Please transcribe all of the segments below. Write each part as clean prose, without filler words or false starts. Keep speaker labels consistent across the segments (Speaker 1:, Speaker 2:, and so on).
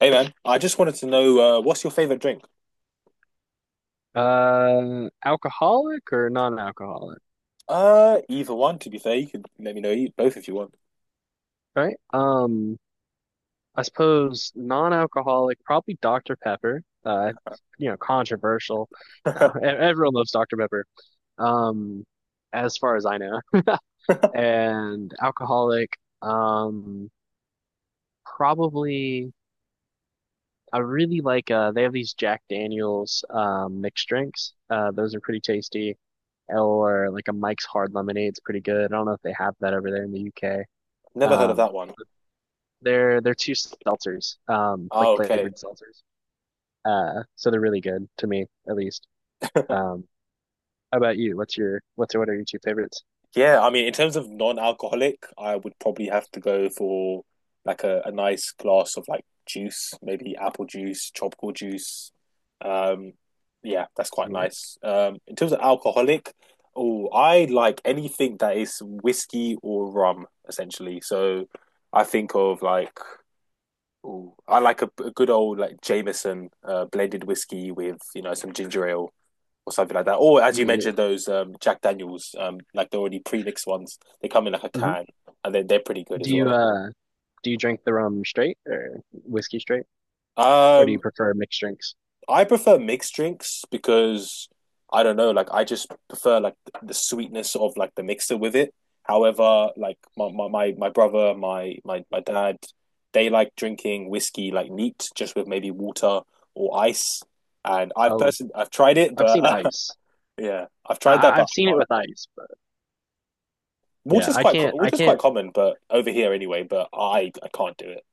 Speaker 1: Hey man, I just wanted to know what's your favorite drink?
Speaker 2: Alcoholic or non-alcoholic,
Speaker 1: Either one, to be fair. You could let me know both if you
Speaker 2: right? I suppose non-alcoholic, probably Dr. Pepper. Controversial. No,
Speaker 1: want.
Speaker 2: everyone loves Dr. Pepper. Um, as far as I know, and alcoholic. Um, Probably. I really like. They have these Jack Daniel's mixed drinks. Those are pretty tasty. Or like a Mike's Hard Lemonade's pretty good. I don't know if they have that over there in the UK.
Speaker 1: Never heard of
Speaker 2: Um.
Speaker 1: that one.
Speaker 2: They're two seltzers, like
Speaker 1: Oh, okay.
Speaker 2: flavored seltzers. So they're really good to me, at least. Um, how about you? What are your two favorites?
Speaker 1: Yeah, I mean, in terms of non-alcoholic, I would probably have to go for like a nice glass of like juice, maybe apple juice, tropical juice. Um, yeah, that's quite
Speaker 2: Do
Speaker 1: nice. In terms of alcoholic, oh, I like anything that is whiskey or rum, essentially. So I think of like ooh, I like a good old like Jameson blended whiskey with you know some ginger ale or something like that. Or as you
Speaker 2: you
Speaker 1: mentioned, those Jack Daniels, like the already pre-mixed ones, they come in like a
Speaker 2: mhm.
Speaker 1: can, and then they're pretty good
Speaker 2: do
Speaker 1: as
Speaker 2: you
Speaker 1: well.
Speaker 2: uh do you drink the rum straight or whiskey straight, or do you
Speaker 1: Um,
Speaker 2: prefer mixed drinks?
Speaker 1: I prefer mixed drinks because I don't know, like I just prefer like the sweetness of like the mixer with it. However, like my brother, my dad, they like drinking whiskey like neat, just with maybe water or ice. And
Speaker 2: Oh,
Speaker 1: I've tried it,
Speaker 2: I've seen
Speaker 1: but
Speaker 2: ice.
Speaker 1: yeah, I've
Speaker 2: I,
Speaker 1: tried that,
Speaker 2: I-
Speaker 1: but
Speaker 2: I've seen
Speaker 1: I
Speaker 2: it
Speaker 1: can't.
Speaker 2: with ice, but yeah, I can't I
Speaker 1: Water's quite
Speaker 2: can't
Speaker 1: common, but over here anyway. But I can't do it.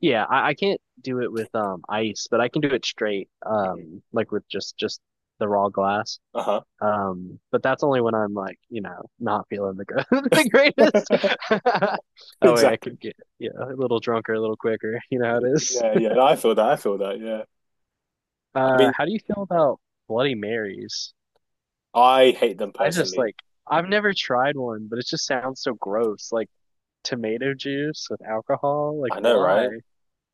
Speaker 2: yeah, I can't do it with ice, but I can do it straight
Speaker 1: Mhm.
Speaker 2: like with just the raw glass.
Speaker 1: Uh-huh.
Speaker 2: But that's only when I'm like, you know, not feeling the good, the greatest. That way I
Speaker 1: Exactly.
Speaker 2: can get, you know, a little drunker, a little quicker. You know how it is.
Speaker 1: Yeah, yeah. I feel that. I feel that. Yeah. I mean,
Speaker 2: How do you feel about Bloody Marys?
Speaker 1: I hate them
Speaker 2: I just
Speaker 1: personally.
Speaker 2: like, I've never tried one, but it just sounds so gross. Like tomato juice with alcohol. Like,
Speaker 1: I know,
Speaker 2: why?
Speaker 1: right?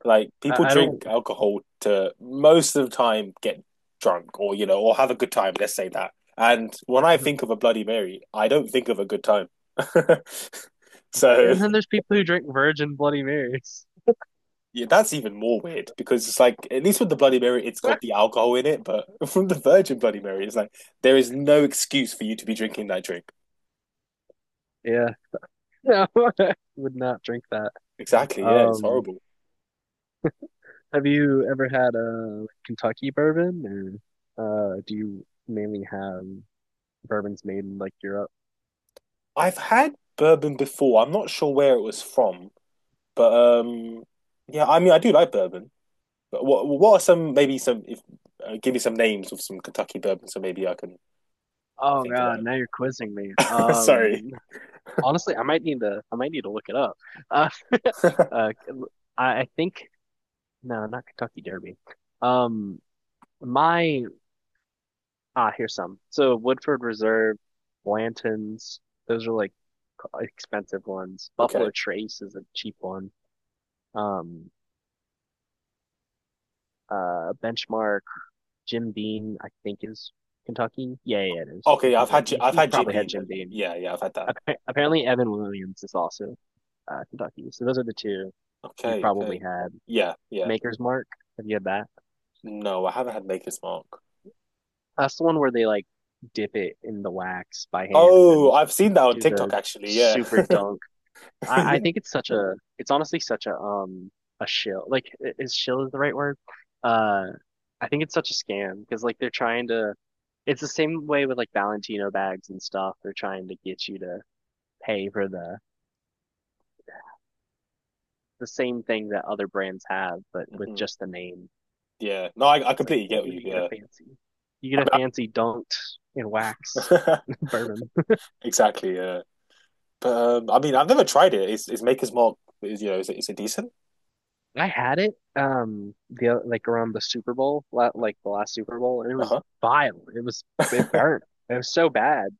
Speaker 1: Like people
Speaker 2: I
Speaker 1: drink
Speaker 2: don't.
Speaker 1: alcohol to most of the time get drunk or you know or have a good time, let's say that. And when I think of a Bloody Mary, I don't think of a good time. So
Speaker 2: And then there's people who drink virgin Bloody Marys.
Speaker 1: yeah, that's even more weird because it's like at least with the Bloody Mary, it's got the alcohol in it, but from the Virgin Bloody Mary, it's like there is no excuse for you to be drinking that drink.
Speaker 2: Yeah, no, would not drink that.
Speaker 1: Exactly, yeah, it's
Speaker 2: Um,
Speaker 1: horrible.
Speaker 2: Have you ever had a Kentucky bourbon, or do you mainly have bourbons made in like Europe?
Speaker 1: I've had bourbon before. I'm not sure where it was from, but um yeah, I mean I do like bourbon. But what are some maybe some if give me some names of some Kentucky bourbon so maybe I can
Speaker 2: Oh
Speaker 1: think
Speaker 2: God,
Speaker 1: about
Speaker 2: now you're quizzing me.
Speaker 1: it. Sorry.
Speaker 2: Honestly, I might need to look it up. Uh, uh, I think no, not Kentucky Derby. Um, my Here's some. So Woodford Reserve, Blanton's, those are like expensive ones. Buffalo
Speaker 1: Okay.
Speaker 2: Trace is a cheap one. Um, Benchmark. Jim Beam, I think, is Kentucky. Yeah, yeah, it is.
Speaker 1: Okay,
Speaker 2: If
Speaker 1: I've
Speaker 2: you,
Speaker 1: had Ji-
Speaker 2: you
Speaker 1: I've
Speaker 2: you
Speaker 1: had Jim
Speaker 2: probably had
Speaker 1: Beam
Speaker 2: Jim
Speaker 1: then.
Speaker 2: Beam.
Speaker 1: Yeah, yeah, I've had that.
Speaker 2: Apparently, Evan Williams is also Kentucky. So those are the two you
Speaker 1: Okay,
Speaker 2: probably
Speaker 1: okay.
Speaker 2: had.
Speaker 1: Yeah, yeah.
Speaker 2: Maker's Mark, have you had that?
Speaker 1: No, I haven't had Maker's Mark.
Speaker 2: That's the one where they like dip it in the wax by hand
Speaker 1: Oh,
Speaker 2: and
Speaker 1: I've seen that on
Speaker 2: do
Speaker 1: TikTok
Speaker 2: the
Speaker 1: actually. Yeah.
Speaker 2: super dunk. I
Speaker 1: Yeah.
Speaker 2: think it's such a it's honestly, such a shill, like is shill is the right word? uh I think it's such a scam because like they're trying to, it's the same way with like Valentino bags and stuff, they're trying to get you to pay for the same thing that other brands have but with
Speaker 1: Hmm.
Speaker 2: just the name.
Speaker 1: Yeah. No, I
Speaker 2: It's like,
Speaker 1: completely get
Speaker 2: oh,
Speaker 1: what you
Speaker 2: you get
Speaker 1: yeah.
Speaker 2: a fancy, you get a
Speaker 1: I
Speaker 2: fancy dunked in wax
Speaker 1: mean, I-
Speaker 2: bourbon.
Speaker 1: exactly, yeah. But I mean, I've never tried it. Is Maker's Mark is you know, is it decent?
Speaker 2: I had it the like around the Super Bowl, like the last Super Bowl, and it was
Speaker 1: Uh-huh.
Speaker 2: vile. It was it burnt. It was so bad.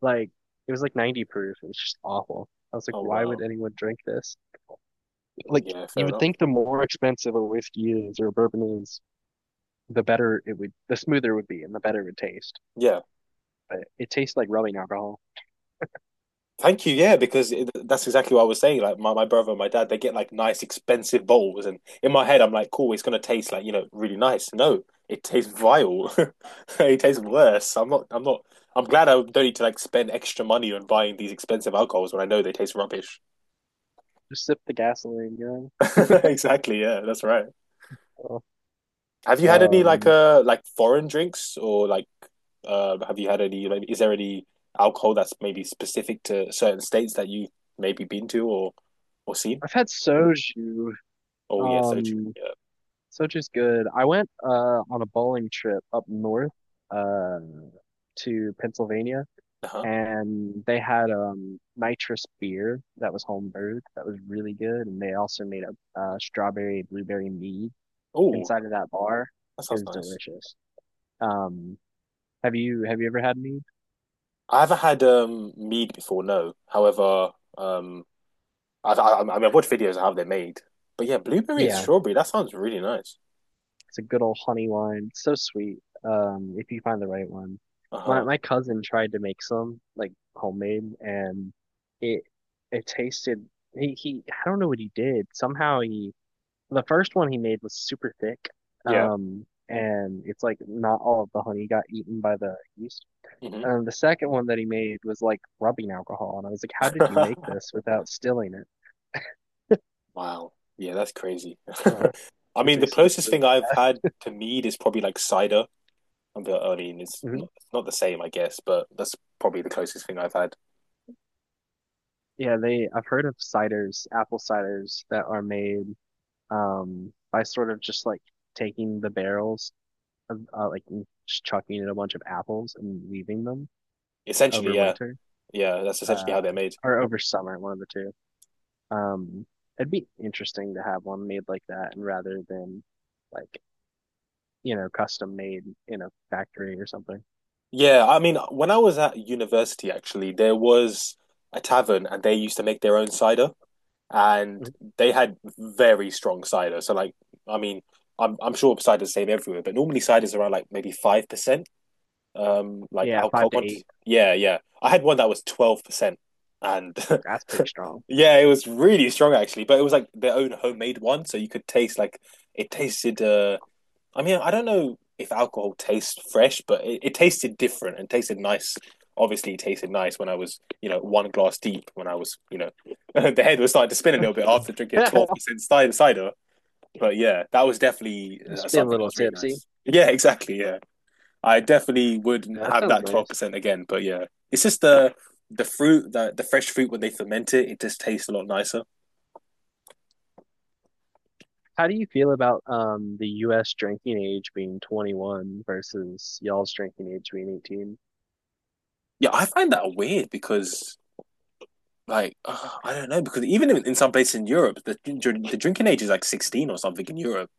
Speaker 2: Like it was like 90 proof. It was just awful. I was
Speaker 1: Oh
Speaker 2: like, why would
Speaker 1: wow.
Speaker 2: anyone drink this? Like
Speaker 1: Yeah,
Speaker 2: you
Speaker 1: fair
Speaker 2: would
Speaker 1: enough.
Speaker 2: think the more expensive a whiskey is or a bourbon is, the better it would, the smoother it would be, and the better it would taste.
Speaker 1: Yeah.
Speaker 2: But it tastes like rubbing alcohol.
Speaker 1: Thank you. Yeah, because that's exactly what I was saying. Like my brother and my dad, they get like nice, expensive bowls, and in my head, I'm like, cool, it's gonna taste like you know really nice. No, it tastes vile. It tastes worse. I'm not. I'm not. I'm glad I don't need to like spend extra money on buying these expensive alcohols when I know they taste rubbish.
Speaker 2: Just sip the gasoline, you know.
Speaker 1: Exactly. Yeah, that's right.
Speaker 2: So,
Speaker 1: Have you had any
Speaker 2: Um,
Speaker 1: like foreign drinks or like have you had any? Like, is there any alcohol that's maybe specific to certain states that you maybe been to or seen?
Speaker 2: I've had soju.
Speaker 1: Oh yeah, so true.
Speaker 2: Um,
Speaker 1: Yeah.
Speaker 2: Sochi's good. I went on a bowling trip up north uh to Pennsylvania
Speaker 1: Uh-huh.
Speaker 2: and they had nitrous beer that was home brewed that was really good, and they also made a strawberry blueberry mead
Speaker 1: Oh,
Speaker 2: inside of that bar.
Speaker 1: that
Speaker 2: It
Speaker 1: sounds
Speaker 2: was
Speaker 1: nice.
Speaker 2: delicious. Um have you ever had mead?
Speaker 1: I haven't had mead before, no. However, um, I mean, I've watched videos of how they're made, but yeah, blueberry and
Speaker 2: Yeah.
Speaker 1: strawberry. That sounds really nice.
Speaker 2: It's a good old honey wine. It's so sweet. If you find the right one. My
Speaker 1: Uh-huh.
Speaker 2: my cousin tried to make some like homemade, and it it tasted. He he. I don't know what he did. Somehow he the first one he made was super thick.
Speaker 1: Yeah.
Speaker 2: And it's like not all of the honey got eaten by the yeast.
Speaker 1: Hmm.
Speaker 2: The second one that he made was like rubbing alcohol, and I was like, how did you make this without stilling it?
Speaker 1: Wow. Yeah, that's crazy.
Speaker 2: Oh,
Speaker 1: I
Speaker 2: it
Speaker 1: mean, the
Speaker 2: tasted
Speaker 1: closest
Speaker 2: really
Speaker 1: thing I've
Speaker 2: bad.
Speaker 1: had to mead is probably like cider. I mean,
Speaker 2: Mhm.
Speaker 1: it's not the same, I guess, but that's probably the closest thing I've had.
Speaker 2: Yeah, they I've heard of ciders, apple ciders that are made by sort of just like taking the barrels of like and just chucking in a bunch of apples and leaving them
Speaker 1: Essentially,
Speaker 2: over
Speaker 1: yeah,
Speaker 2: winter
Speaker 1: yeah, that's essentially
Speaker 2: uh
Speaker 1: how they're made.
Speaker 2: or over summer, one of the two. Um It'd be interesting to have one made like that and rather than like, you know, custom made in a factory or something.
Speaker 1: Yeah, I mean, when I was at university, actually, there was a tavern and they used to make their own cider and
Speaker 2: Mhm.
Speaker 1: they had very strong cider. So like, I mean, I'm sure cider's the same everywhere, but normally cider's around like maybe 5%, like
Speaker 2: Yeah, five
Speaker 1: alcohol
Speaker 2: to
Speaker 1: content.
Speaker 2: eight.
Speaker 1: Yeah, yeah. I had one that was 12% and
Speaker 2: That's pretty strong.
Speaker 1: yeah, it was really strong actually, but it was like their own homemade one, so you could taste like it tasted I mean, I don't know if alcohol tastes fresh, but it tasted different and tasted nice. Obviously, it tasted nice when I was, you know, one glass deep. When I was, you know, the head was starting to spin a little bit after drinking 12% cider. But yeah, that was definitely
Speaker 2: Just be a
Speaker 1: something that
Speaker 2: little
Speaker 1: was really
Speaker 2: tipsy.
Speaker 1: nice. Yeah, exactly. Yeah, I definitely would
Speaker 2: Yeah, that
Speaker 1: have
Speaker 2: sounds
Speaker 1: that twelve
Speaker 2: nice.
Speaker 1: percent again. But yeah, it's just the fruit, the fresh fruit when they ferment it, it just tastes a lot nicer.
Speaker 2: How do you feel about the US drinking age being 21 versus y'all's drinking age being 18?
Speaker 1: Yeah, I find that weird because I don't know because even in some places in Europe, the drinking age is like 16 or something in Europe.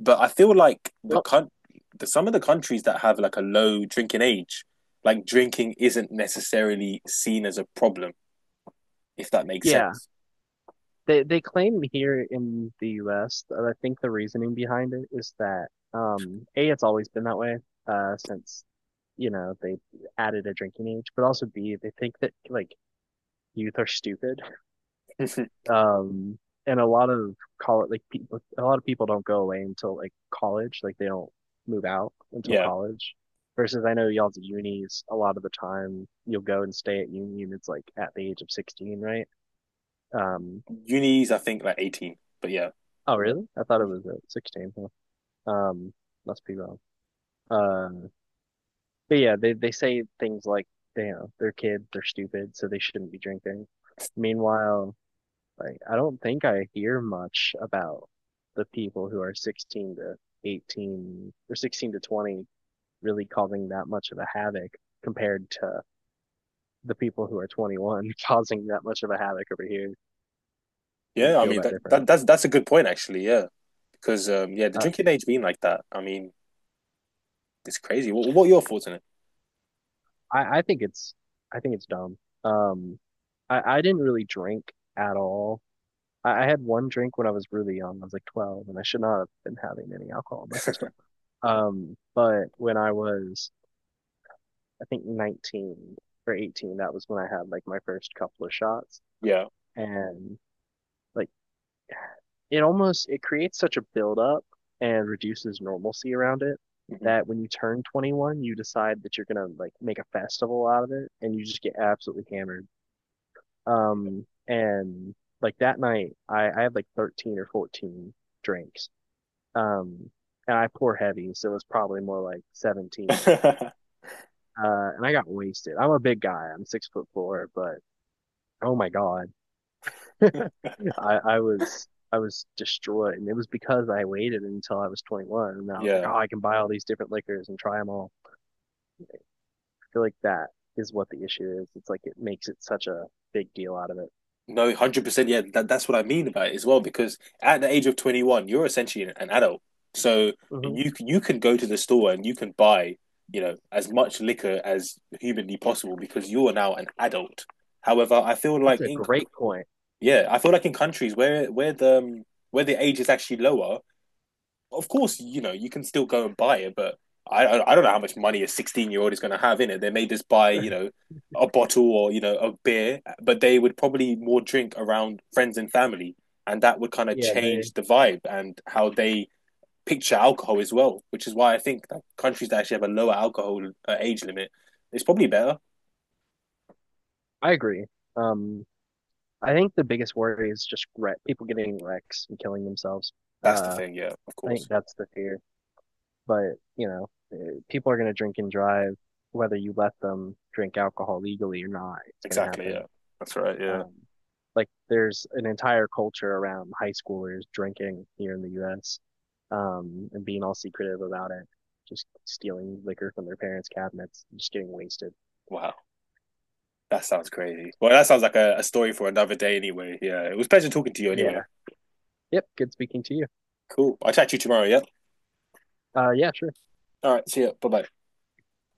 Speaker 1: But I feel like
Speaker 2: Well,
Speaker 1: the, some of the countries that have like a low drinking age, like drinking isn't necessarily seen as a problem, if that makes
Speaker 2: yeah.
Speaker 1: sense.
Speaker 2: They claim here in the US that I think the reasoning behind it is that A, it's always been that way since you know they added a drinking age, but also B, they think that like youth are stupid. Um, and a lot of college, like people, a lot of people don't go away until like college, like they don't move out until
Speaker 1: Yeah,
Speaker 2: college. Versus, I know y'all's at unis. A lot of the time, you'll go and stay at uni, and it's like at the age of 16, right? Um,
Speaker 1: unis I think like 18, but yeah,
Speaker 2: oh, really? I thought it was at 16. Huh. Um, must be wrong. Uh, but yeah, they say things like, you know, they're kids, they're stupid, so they shouldn't be drinking. Meanwhile, like, I don't think I hear much about the people who are 16 to 18 or 16 to 20 really causing that much of a havoc compared to the people who are 21 causing that much of a havoc over here.
Speaker 1: yeah.
Speaker 2: Didn't
Speaker 1: I
Speaker 2: feel
Speaker 1: mean
Speaker 2: that different.
Speaker 1: that's a good point actually. Yeah, because yeah, the
Speaker 2: Uh,
Speaker 1: drinking age being like that, I mean it's crazy. What are your thoughts on it?
Speaker 2: I think I think it's dumb. Um, I didn't really drink at all. I had one drink when I was really young. I was like 12, and I should not have been having any alcohol in my system. But when I was I think 19 or 18, that was when I had like my first couple of shots.
Speaker 1: Yeah.
Speaker 2: And like it almost it creates such a buildup and reduces normalcy around it
Speaker 1: Mhm.
Speaker 2: that when you turn 21, you decide that you're gonna like make a festival out of it and you just get absolutely hammered. And like that night, I had like 13 or 14 drinks. Um, and I pour heavy, so it was probably more like 17.
Speaker 1: Yeah.
Speaker 2: And I got wasted. I'm a big guy. I'm 6 foot four, but Oh my God. I was destroyed. And it was because I waited until I was 21 and I was like,
Speaker 1: Yeah.
Speaker 2: oh, I can buy all these different liquors and try them all. I feel like that is what the issue is. It's like it makes it such a big deal out of it.
Speaker 1: No, 100%. Yeah, that's what I mean about it as well. Because at the age of 21, you're essentially an adult. So
Speaker 2: Mhm.
Speaker 1: you can go to the store and you can buy, you know, as much liquor as humanly possible because you are now an adult. However, I feel
Speaker 2: That's
Speaker 1: like
Speaker 2: a
Speaker 1: in
Speaker 2: great point.
Speaker 1: yeah, I feel like in countries where the age is actually lower, of course, you know, you can still go and buy it, but I don't know how much money a 16-year-old is going to have in it. They may just buy, you know, a bottle or, you know, a beer, but they would probably more drink around friends and family. And that would kind of
Speaker 2: Yeah, they
Speaker 1: change the vibe and how they picture alcohol as well, which is why I think that countries that actually have a lower alcohol age limit is probably better.
Speaker 2: I agree. Um, I think the biggest worry is just wreck, people getting wrecks and killing themselves.
Speaker 1: That's the
Speaker 2: Uh,
Speaker 1: thing. Yeah, of
Speaker 2: I think
Speaker 1: course.
Speaker 2: that's the fear. But, you know, eh, people are going to drink and drive whether you let them drink alcohol legally or not. It's going to
Speaker 1: Exactly. Yeah.
Speaker 2: happen.
Speaker 1: That's right. Yeah.
Speaker 2: Um, like there's an entire culture around high schoolers drinking here in the U.S. And being all secretive about it, just stealing liquor from their parents' cabinets, just getting wasted.
Speaker 1: Wow. That sounds crazy. Well, that sounds like a story for another day anyway. Yeah. It was a pleasure talking to you anyway.
Speaker 2: Yeah. Yep. Good speaking to you.
Speaker 1: Cool. I'll chat to you tomorrow, yeah?
Speaker 2: Yeah, sure.
Speaker 1: All right, see ya. Bye bye.